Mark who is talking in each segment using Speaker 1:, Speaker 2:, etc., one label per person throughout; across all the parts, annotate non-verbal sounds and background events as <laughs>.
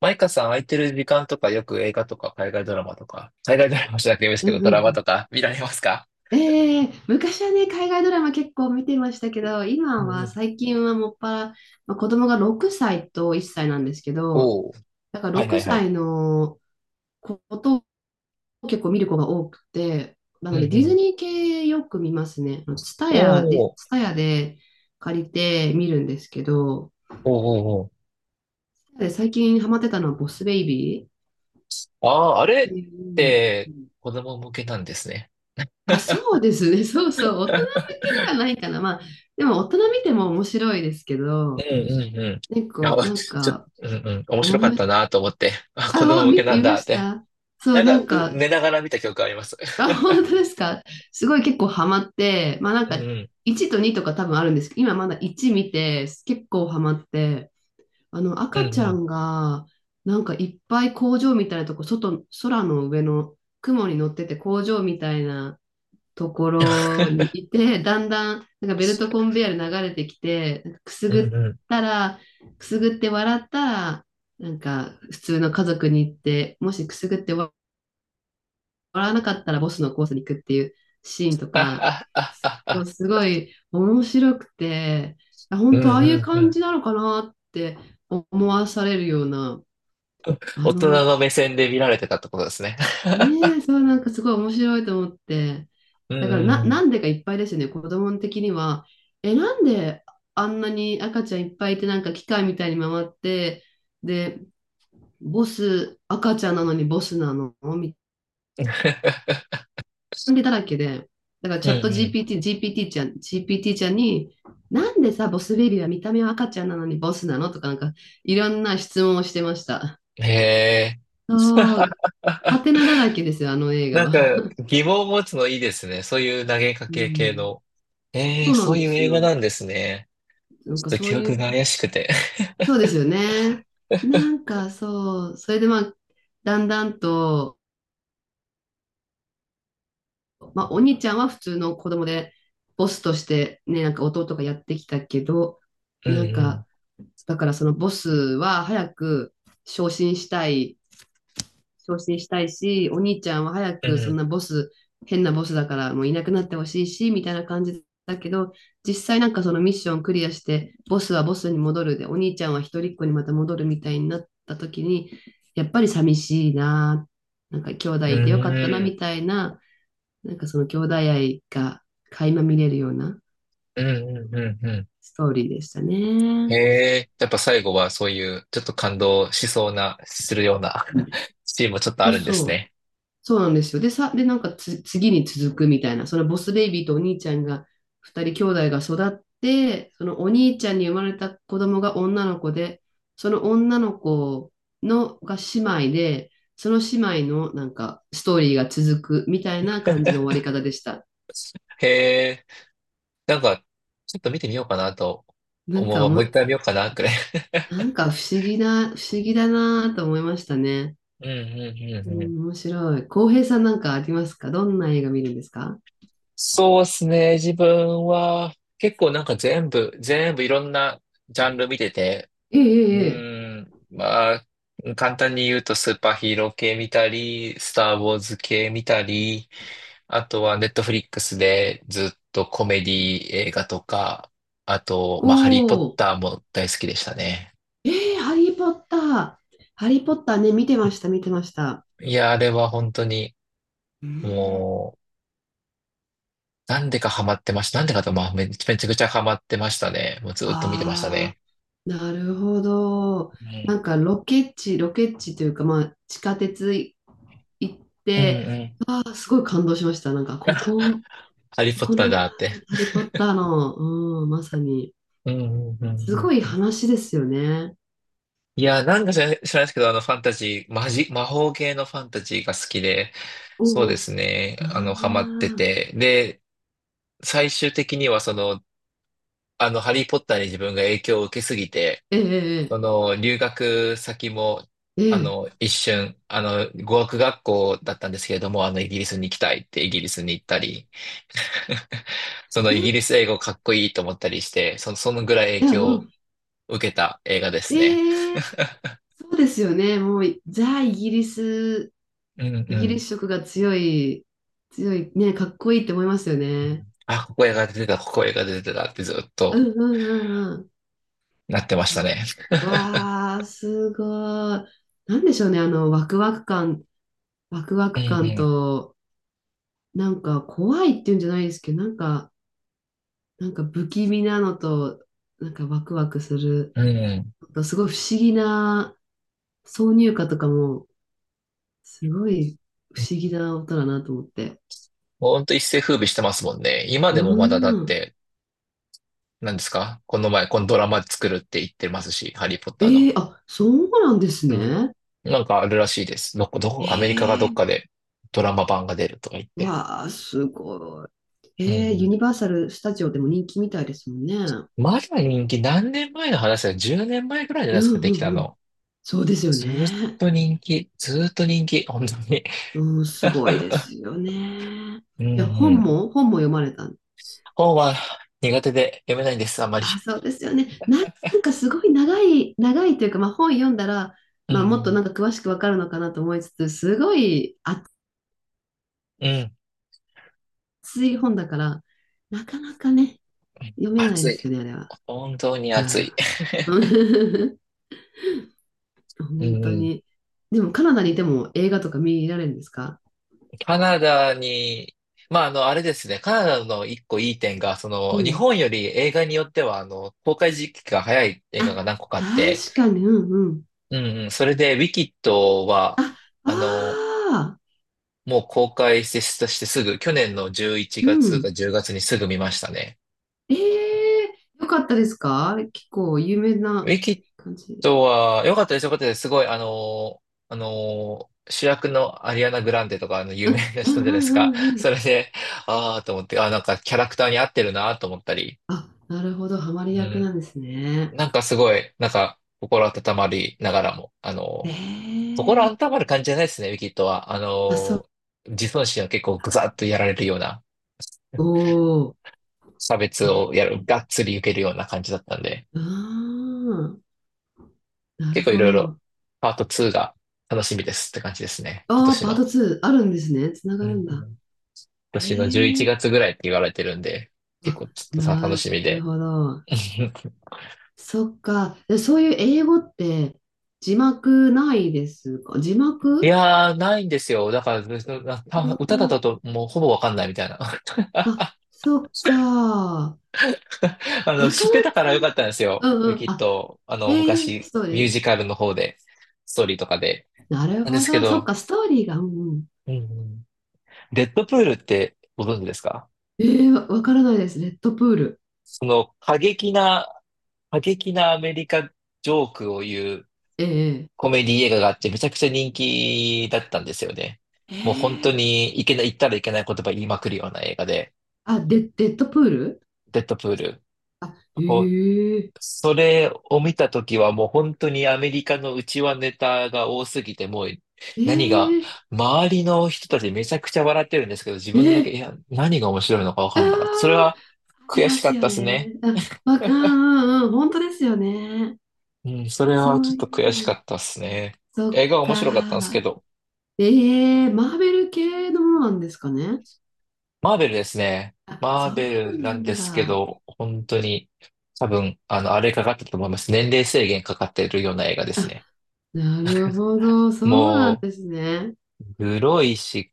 Speaker 1: マイカさん空いてる時間とかよく映画とか海外ドラマとか、海外ドラマじゃなくてもいいです
Speaker 2: う
Speaker 1: け
Speaker 2: ん
Speaker 1: ど、
Speaker 2: う
Speaker 1: ドラ
Speaker 2: んう
Speaker 1: マ
Speaker 2: ん。
Speaker 1: とか見られますか？
Speaker 2: ええ、昔はね、海外ドラマ結構見てましたけど、今
Speaker 1: うんう
Speaker 2: は
Speaker 1: ん。
Speaker 2: 最近はもっぱら、まあ、子供が6歳と1歳なんですけど、
Speaker 1: おお。
Speaker 2: だから
Speaker 1: はいは
Speaker 2: 6
Speaker 1: いはい。
Speaker 2: 歳のことを結構見る子が多くて、な
Speaker 1: う
Speaker 2: の
Speaker 1: んう
Speaker 2: でディズ
Speaker 1: ん。
Speaker 2: ニー系よく見ますね。ツタ
Speaker 1: お
Speaker 2: ヤ、ディ
Speaker 1: お。
Speaker 2: ツタヤで借りて見るんですけど、
Speaker 1: おおお
Speaker 2: で最近ハマってたのはボスベイビーっ
Speaker 1: お。ああ、あれ
Speaker 2: て
Speaker 1: っ
Speaker 2: いう。
Speaker 1: て子供向けなんですね。
Speaker 2: あ、そうですね。<laughs> そうそう。大人向けではないかな。まあ、でも大人見ても面白いですけ
Speaker 1: う
Speaker 2: ど、
Speaker 1: んうんうん。<laughs> い
Speaker 2: 結
Speaker 1: や、
Speaker 2: 構、なん
Speaker 1: ちょっと、
Speaker 2: か、
Speaker 1: うんうん。面
Speaker 2: お
Speaker 1: 白かった
Speaker 2: ぶ、
Speaker 1: なと思って。あ、子
Speaker 2: あ、
Speaker 1: 供向けな
Speaker 2: 見
Speaker 1: ん
Speaker 2: ま
Speaker 1: だっ
Speaker 2: し
Speaker 1: て。
Speaker 2: た。そう、なんか、
Speaker 1: 寝ながら見た記憶あります。
Speaker 2: あ、本当ですか？すごい結構ハマって、まあなん
Speaker 1: うん
Speaker 2: か、
Speaker 1: うん。
Speaker 2: 1と2とか多分あるんですけど、今まだ1見て、結構ハマって、あの、
Speaker 1: う
Speaker 2: 赤
Speaker 1: ん
Speaker 2: ちゃ
Speaker 1: うん。
Speaker 2: んが、なんかいっぱい工場みたいなとこ、外、空の上の雲に乗ってて工場みたいな、ところに
Speaker 1: <laughs>
Speaker 2: いて、だんだん、なんかベルトコンベヤーで流れてきて、なんかくす
Speaker 1: う
Speaker 2: ぐっ
Speaker 1: んうん。
Speaker 2: たら、くすぐって笑ったら、なんか普通の家族に行って、もしくすぐって笑わなかったらボスのコースに行くっていうシーンと
Speaker 1: あ
Speaker 2: か、
Speaker 1: あああ
Speaker 2: そう
Speaker 1: あ。
Speaker 2: すごい面白くて、あ、
Speaker 1: <laughs> う
Speaker 2: 本
Speaker 1: ん
Speaker 2: 当ああ
Speaker 1: う
Speaker 2: いう
Speaker 1: んう
Speaker 2: 感
Speaker 1: ん。
Speaker 2: じなのかなって思わされるような、あ
Speaker 1: 大人
Speaker 2: の、
Speaker 1: の目線で見られてたってことですね。<laughs>
Speaker 2: ねえ、そう、なんかすごい面白いと思って。
Speaker 1: う
Speaker 2: だから
Speaker 1: んうん
Speaker 2: なんでかいっぱいですよね、子供的には。え、なんであんなに赤ちゃんいっぱいいて、なんか機械みたいに回って、で、ボス、赤ちゃんなのにボスなのみ
Speaker 1: うん。<laughs>
Speaker 2: たいなだらけで。だから
Speaker 1: う
Speaker 2: チ
Speaker 1: ん
Speaker 2: ャット
Speaker 1: う
Speaker 2: GPT、GPT ちゃん、GPT ちゃんに、なんでさ、ボスベビーは見た目は赤ちゃんなのにボスなのとか、なんか、いろんな質問をしてました。
Speaker 1: ん。へえ。
Speaker 2: そ
Speaker 1: <laughs>
Speaker 2: う、ハテナだらけですよ、あの映画
Speaker 1: なん
Speaker 2: は。
Speaker 1: か疑問を持つのいいですね。そういう投げか
Speaker 2: う
Speaker 1: け系
Speaker 2: ん、
Speaker 1: の。え
Speaker 2: そ
Speaker 1: え、
Speaker 2: うな
Speaker 1: そ
Speaker 2: ん
Speaker 1: う
Speaker 2: で
Speaker 1: いう
Speaker 2: す
Speaker 1: 映画な
Speaker 2: よ。
Speaker 1: んですね。
Speaker 2: なん
Speaker 1: ち
Speaker 2: か
Speaker 1: ょっと
Speaker 2: そう
Speaker 1: 記
Speaker 2: いう、
Speaker 1: 憶が怪しくて。
Speaker 2: そうですよね。なん
Speaker 1: <laughs>
Speaker 2: かそう、それでまあ、だんだんと、まあ、お兄ちゃんは普通の子供で、ボスとしてね、なんか弟がやってきたけど、
Speaker 1: う
Speaker 2: なん
Speaker 1: ん
Speaker 2: か、だからそのボスは早く昇進したい昇進したいし、お兄ちゃんは早
Speaker 1: うん。
Speaker 2: く
Speaker 1: う
Speaker 2: そん
Speaker 1: ん。
Speaker 2: なボス、変なボスだからもういなくなってほしいし、みたいな感じだけど、実際なんかそのミッションクリアして、ボスはボスに戻るで、お兄ちゃんは一人っ子にまた戻るみたいになった時に、やっぱり寂しいな、なんか兄弟
Speaker 1: う
Speaker 2: いてよかったな
Speaker 1: ん。
Speaker 2: みたいな、なんかその兄弟愛が垣間見れるような
Speaker 1: うんうんうんうん。
Speaker 2: ストーリーでした
Speaker 1: へ
Speaker 2: ね。
Speaker 1: え。やっぱ最後はそういうちょっと感動しそうな、するような
Speaker 2: うん、
Speaker 1: <laughs> シーンもちょっとあ
Speaker 2: そう
Speaker 1: るんです
Speaker 2: そう。
Speaker 1: ね。
Speaker 2: そうなんですよ。で、なんか次に続くみたいな、そのボスベイビーとお兄ちゃんが、二人兄弟が育って、そのお兄ちゃんに生まれた子供が女の子で、その女の子のが姉妹で、その姉妹のなんかストーリーが続くみたいな感じの終わり方でした。
Speaker 1: へえ。なんか、ちょっと見てみようかなと
Speaker 2: なん
Speaker 1: 思う
Speaker 2: かお
Speaker 1: わ。も
Speaker 2: も、
Speaker 1: う一回見ようかな、くらい。<laughs>
Speaker 2: なんか不思議な、不思議だなと思いましたね。
Speaker 1: うんう
Speaker 2: う
Speaker 1: んうんうん。
Speaker 2: ん、面白い。浩平さんなんかありますか？どんな映画見るんですか？
Speaker 1: そうですね。自分は結構なんか全部いろんなジャンル見てて、
Speaker 2: ええええ。ええ。
Speaker 1: まあ、簡単に言うとスーパーヒーロー系見たり、スター・ウォーズ系見たり、あとはネットフリックスでずっとコメディ映画とか、あと、まあ、ハリー・ポッ
Speaker 2: おー。
Speaker 1: ターも大好きでしたね。
Speaker 2: えー、ハリー・ポッター。ハリー・ポッターね、見てました、見てました。
Speaker 1: いや、あれは本当に、
Speaker 2: うーん。
Speaker 1: もう、なんでかハマってました。なんでかと、まあ、めちゃくちゃハマってましたね。もうずっと見てました
Speaker 2: ああ、
Speaker 1: ね。
Speaker 2: なるほど。
Speaker 1: う
Speaker 2: な
Speaker 1: ん。
Speaker 2: んかロケ地、ロケ地というか、まあ、地下鉄い行っ
Speaker 1: うん
Speaker 2: て、
Speaker 1: うん。
Speaker 2: ああ、すごい感動しました。なんか、
Speaker 1: <laughs> あ
Speaker 2: ここ、
Speaker 1: ハリーポッ
Speaker 2: こ
Speaker 1: ター
Speaker 2: の
Speaker 1: だって。
Speaker 2: ハリー・ポッターの、うん、まさに。
Speaker 1: うんうんうん
Speaker 2: す
Speaker 1: う
Speaker 2: ご
Speaker 1: ん
Speaker 2: い
Speaker 1: うん。
Speaker 2: 話ですよね。
Speaker 1: いや、なんか知らないですけど、あの、ファンタジー、マジ、魔法系のファンタジーが好きで、
Speaker 2: お
Speaker 1: そうで
Speaker 2: お。
Speaker 1: すね、あの、ハマっ
Speaker 2: あ
Speaker 1: て
Speaker 2: あ、
Speaker 1: て、で、最終的にはその、あの、ハリーポッターに自分が影響を受けすぎて、そ
Speaker 2: ええ
Speaker 1: の留学先も、あ
Speaker 2: ええ
Speaker 1: の、一瞬、あの、語学学校だったんですけれども、あの、イギリスに行きたいってイギリスに行ったり、<laughs> その
Speaker 2: え
Speaker 1: イギリ
Speaker 2: え、
Speaker 1: ス英語かっこいいと思ったりして、その、そのぐらい
Speaker 2: い
Speaker 1: 影
Speaker 2: や、
Speaker 1: 響
Speaker 2: う
Speaker 1: を
Speaker 2: ん。
Speaker 1: 受けた映画ですね。
Speaker 2: ええ。そうですよね。もう、ザ・イギリス、
Speaker 1: うん
Speaker 2: イ
Speaker 1: う
Speaker 2: ギリ
Speaker 1: ん。
Speaker 2: ス色が強い、強い、ね、かっこいいって思いますよ
Speaker 1: う
Speaker 2: ね。
Speaker 1: んあ、ここ映画出てたってずっ
Speaker 2: う
Speaker 1: と
Speaker 2: んうんうんうん。
Speaker 1: なってましたね。
Speaker 2: わあー、すごい。なんでしょうね、あの、ワクワク感、ワクワク感
Speaker 1: <laughs>
Speaker 2: と、なんか怖いっていうんじゃないですけど、なんか、なんか不気味なのと、なんかワクワクする、
Speaker 1: うんうん。うん。
Speaker 2: すごい不思議な挿入歌とかも、すごい不思議な音だなと思って。
Speaker 1: ほんと一世風靡してますもんね。今
Speaker 2: う
Speaker 1: でもまだだっ
Speaker 2: ん。
Speaker 1: て、何ですかこの前、このドラマ作るって言ってますし、ハリーポッター
Speaker 2: え
Speaker 1: の。
Speaker 2: え、あ、そうなんです
Speaker 1: うん。
Speaker 2: ね。
Speaker 1: なんかあるらしいです。どこ、どこ、アメリカがど
Speaker 2: え
Speaker 1: っ
Speaker 2: え、
Speaker 1: かでドラマ版が出るとか言って。
Speaker 2: わあ、すごい。
Speaker 1: うん
Speaker 2: ええ、ユ
Speaker 1: う
Speaker 2: ニバーサル・スタジオでも人気みたいですもんね。うん
Speaker 1: ん。まだ人気、何年前の話だよ。10年前ぐらいじゃな
Speaker 2: う
Speaker 1: いですか、でき
Speaker 2: ん
Speaker 1: た
Speaker 2: うん。
Speaker 1: の。
Speaker 2: そうですよ
Speaker 1: ずーっ
Speaker 2: ね。
Speaker 1: ずーっと人気、本当に。
Speaker 2: うん、すごいで
Speaker 1: <laughs>
Speaker 2: すよね。
Speaker 1: うん
Speaker 2: じゃあ本
Speaker 1: うん。
Speaker 2: も、本も読まれたん。
Speaker 1: 本は苦手で読めないんです、あまり。
Speaker 2: あ、そうですよね。なんかすごい長い、長いというか、まあ本読んだら、
Speaker 1: う
Speaker 2: まあもっとな
Speaker 1: ん
Speaker 2: んか詳しくわかるのかなと思いつつ、すごい
Speaker 1: うん。うん。
Speaker 2: 熱い本だから、なかなかね、読めない
Speaker 1: 暑
Speaker 2: です
Speaker 1: い。
Speaker 2: よね、あ
Speaker 1: 本当に
Speaker 2: れ
Speaker 1: 暑い。
Speaker 2: は。うん。<laughs>
Speaker 1: う
Speaker 2: 本
Speaker 1: んう
Speaker 2: 当
Speaker 1: ん。
Speaker 2: に。でもカナダにいても映画とか見られるんですか？
Speaker 1: カナダに、まあ、あの、あれですね、カナダの一個いい点が、そ
Speaker 2: う
Speaker 1: の、日
Speaker 2: ん。
Speaker 1: 本より映画によっては、あの、公開時期が早い映画
Speaker 2: あ、
Speaker 1: が何個かあって、
Speaker 2: 確かに、うんうん。
Speaker 1: うんうん、それで、ウィキッドは、
Speaker 2: あ、あ
Speaker 1: あの、
Speaker 2: あ、
Speaker 1: もう公開してしてすぐ、去年の11
Speaker 2: う
Speaker 1: 月か
Speaker 2: ん。
Speaker 1: 10月にすぐ見ましたね。
Speaker 2: ええー、よかったですか？結構有名
Speaker 1: ウ
Speaker 2: な
Speaker 1: ィキッ
Speaker 2: 感じ。
Speaker 1: ドは、良かったです。すごい、あの、主役のアリアナ・グランデとか、あの、有名な
Speaker 2: う
Speaker 1: 人
Speaker 2: ん
Speaker 1: じ
Speaker 2: う
Speaker 1: ゃないですか。
Speaker 2: んうんうん。
Speaker 1: それで、ああ、と思って、ああ、なんかキャラクターに合ってるな、と思ったり。
Speaker 2: あ、なるほど、ハマり
Speaker 1: う
Speaker 2: 役
Speaker 1: ん
Speaker 2: なんですね。
Speaker 1: なんかすごい、なんか、心温まりながらも、あ
Speaker 2: え
Speaker 1: の、心
Speaker 2: え、
Speaker 1: 温まる感じじゃないですね、ウィキッドは。あ
Speaker 2: あ、そう。
Speaker 1: の、自尊心を結構グザッとやられるような、
Speaker 2: おー。
Speaker 1: 差別を
Speaker 2: え
Speaker 1: やる、がっつり受けるような感じだったんで、
Speaker 2: ー、ああ、なる
Speaker 1: 結構い
Speaker 2: ほ
Speaker 1: ろいろ、
Speaker 2: ど。
Speaker 1: パート2が楽しみですって感じですね、今
Speaker 2: ああ、
Speaker 1: 年
Speaker 2: パート
Speaker 1: の。
Speaker 2: 2あるんですね。つな
Speaker 1: う
Speaker 2: が
Speaker 1: んう
Speaker 2: るんだ。
Speaker 1: ん今年の11
Speaker 2: ええ、
Speaker 1: 月ぐらいって言われてるんで、結
Speaker 2: あ、
Speaker 1: 構ちょっとさ、楽
Speaker 2: な
Speaker 1: しみ
Speaker 2: る
Speaker 1: で。
Speaker 2: ほど。
Speaker 1: <laughs>
Speaker 2: そっか。でそういう英語って字幕ないですか？字
Speaker 1: い
Speaker 2: 幕。
Speaker 1: やー、ないんですよ。だから、な
Speaker 2: う
Speaker 1: た
Speaker 2: ん
Speaker 1: 歌だっ
Speaker 2: う
Speaker 1: た
Speaker 2: ん。
Speaker 1: ともうほぼわかんないみたいな。<laughs>
Speaker 2: あ、そっか。
Speaker 1: あの、
Speaker 2: なか
Speaker 1: 知って
Speaker 2: な
Speaker 1: たか
Speaker 2: か。
Speaker 1: らよかったんです
Speaker 2: う
Speaker 1: よ。
Speaker 2: ん
Speaker 1: ウィ
Speaker 2: うん。
Speaker 1: キッ
Speaker 2: あ、
Speaker 1: ド、あ
Speaker 2: え
Speaker 1: の、
Speaker 2: ー、
Speaker 1: 昔、
Speaker 2: ストー
Speaker 1: ミュー
Speaker 2: リ
Speaker 1: ジカルの方で、ストーリーとかで。
Speaker 2: ー。なる
Speaker 1: なんで
Speaker 2: ほ
Speaker 1: すけ
Speaker 2: ど。そっ
Speaker 1: ど、
Speaker 2: か、ストーリーが。うんうん。
Speaker 1: うんうんデッドプールってご存知ですか？
Speaker 2: えー、わからないです。レッドプール。
Speaker 1: その過激な、過激なアメリカジョークを言う
Speaker 2: ええ、
Speaker 1: コメディ映画があって、めちゃくちゃ人気だったんですよね。もう本当にいけない、言ったらいけない言葉言いまくるような映画で、
Speaker 2: あ、デッドプール。
Speaker 1: デッドプール。
Speaker 2: あ、えー、
Speaker 1: それを見たときはもう本当にアメリカの内輪ネタが多すぎて、もう
Speaker 2: え
Speaker 1: 何が、
Speaker 2: ー、
Speaker 1: 周りの人たちめちゃくちゃ笑ってるんですけど、自
Speaker 2: え
Speaker 1: 分だけ、
Speaker 2: ー、
Speaker 1: いや、何が面白いのかわ
Speaker 2: あ
Speaker 1: かんなかった。それ
Speaker 2: あー、
Speaker 1: は
Speaker 2: あり
Speaker 1: 悔
Speaker 2: ま
Speaker 1: しか
Speaker 2: す
Speaker 1: っ
Speaker 2: よ
Speaker 1: たです
Speaker 2: ね。
Speaker 1: ね。
Speaker 2: あ、わかん、うんうん、本当ですよね。
Speaker 1: うん、それは
Speaker 2: そ
Speaker 1: ちょ
Speaker 2: う
Speaker 1: っ
Speaker 2: い
Speaker 1: と悔し
Speaker 2: う
Speaker 1: か
Speaker 2: の。
Speaker 1: ったですね。
Speaker 2: そっ
Speaker 1: 映画は面白かったんです
Speaker 2: か。
Speaker 1: けど、
Speaker 2: ええー、マーベル系のものなんですかね。
Speaker 1: マーベルですね。
Speaker 2: あ、
Speaker 1: マ
Speaker 2: そ
Speaker 1: ーベ
Speaker 2: う
Speaker 1: ル
Speaker 2: な
Speaker 1: なんで
Speaker 2: ん
Speaker 1: すけ
Speaker 2: だ。
Speaker 1: ど、本当に多分、あの、あれかかってたと思います。年齢制限かかってるような映画です
Speaker 2: あ、
Speaker 1: ね。
Speaker 2: なるほど。そうなん
Speaker 1: もう、
Speaker 2: ですね。
Speaker 1: 黒いし、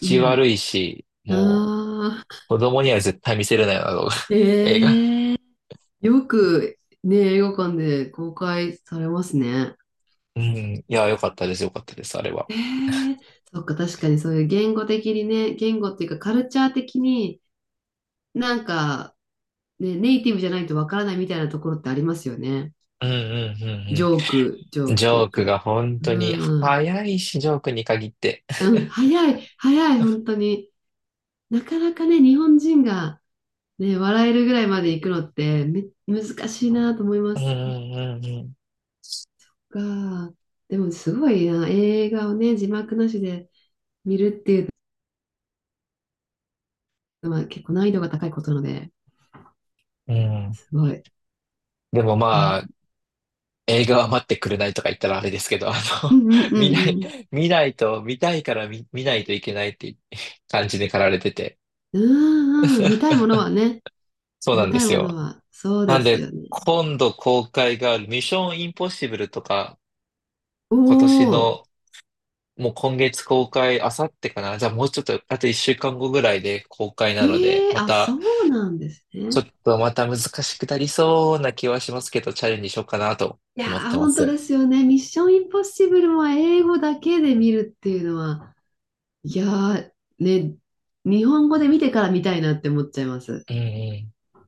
Speaker 2: う
Speaker 1: 悪いし、
Speaker 2: ん。
Speaker 1: も
Speaker 2: ああ、
Speaker 1: う、子供には絶対見せれないような動画 <laughs> 映画。
Speaker 2: ええー、よくね、映画館で公開されますね。
Speaker 1: うん。いや、よかったです、あれは。
Speaker 2: ええ、そっか、確かにそういう言語的にね、言語っていうかカルチャー的になんか、ね、ネイティブじゃないとわからないみたいなところってありますよね。
Speaker 1: うんうんう
Speaker 2: ジ
Speaker 1: ん
Speaker 2: ョーク、ジ
Speaker 1: う
Speaker 2: ョー
Speaker 1: ん。ジ
Speaker 2: クとい
Speaker 1: ョ
Speaker 2: う
Speaker 1: ーク
Speaker 2: か。
Speaker 1: が本当に
Speaker 2: うん
Speaker 1: 早いし、ジョークに限って。
Speaker 2: うん、早い、早い、本当に。なかなかね、日本人が、ね、笑えるぐらいまで行くのって難しいなと思いま
Speaker 1: う
Speaker 2: す。
Speaker 1: んうん
Speaker 2: が、でもすごいな、映画をね、字幕なしで見るっていうのは結構難易度が高いことなので、
Speaker 1: うんうん。うん。
Speaker 2: すごい。
Speaker 1: でも
Speaker 2: え
Speaker 1: ま
Speaker 2: ー、
Speaker 1: あ、映画は待ってくれないとか言ったらあれですけど、あの、
Speaker 2: うんうんう
Speaker 1: <laughs> 見な
Speaker 2: ん
Speaker 1: い、
Speaker 2: うん。
Speaker 1: 見ないと、見たいから見、見ないといけないって感じで駆られてて。
Speaker 2: うんうん、見たいものはね、
Speaker 1: そうな
Speaker 2: 見
Speaker 1: んで
Speaker 2: たい
Speaker 1: す
Speaker 2: もの
Speaker 1: よ。
Speaker 2: は、そう
Speaker 1: な
Speaker 2: で
Speaker 1: ん
Speaker 2: す
Speaker 1: で、
Speaker 2: よね。
Speaker 1: 今度公開があるミッションインポッシブルとか、
Speaker 2: お
Speaker 1: 今年
Speaker 2: ー、
Speaker 1: の、もう今月公開、あさってかな。じゃあもうちょっと、あと一週間後ぐらいで公開
Speaker 2: え
Speaker 1: なので、
Speaker 2: ー、
Speaker 1: ま
Speaker 2: あ、そ
Speaker 1: た、
Speaker 2: うなんです
Speaker 1: ちょ
Speaker 2: ね。
Speaker 1: っとまた難しくなりそうな気はしますけど、チャレンジしようかなと
Speaker 2: いや
Speaker 1: 思っ
Speaker 2: ー、
Speaker 1: てま
Speaker 2: 本当で
Speaker 1: す。
Speaker 2: すよね。ミッションインポッシブルは英語だけで見るっていうのは、いやー、ね、日本語で見てから見たいなって思っちゃいます。
Speaker 1: うんうん。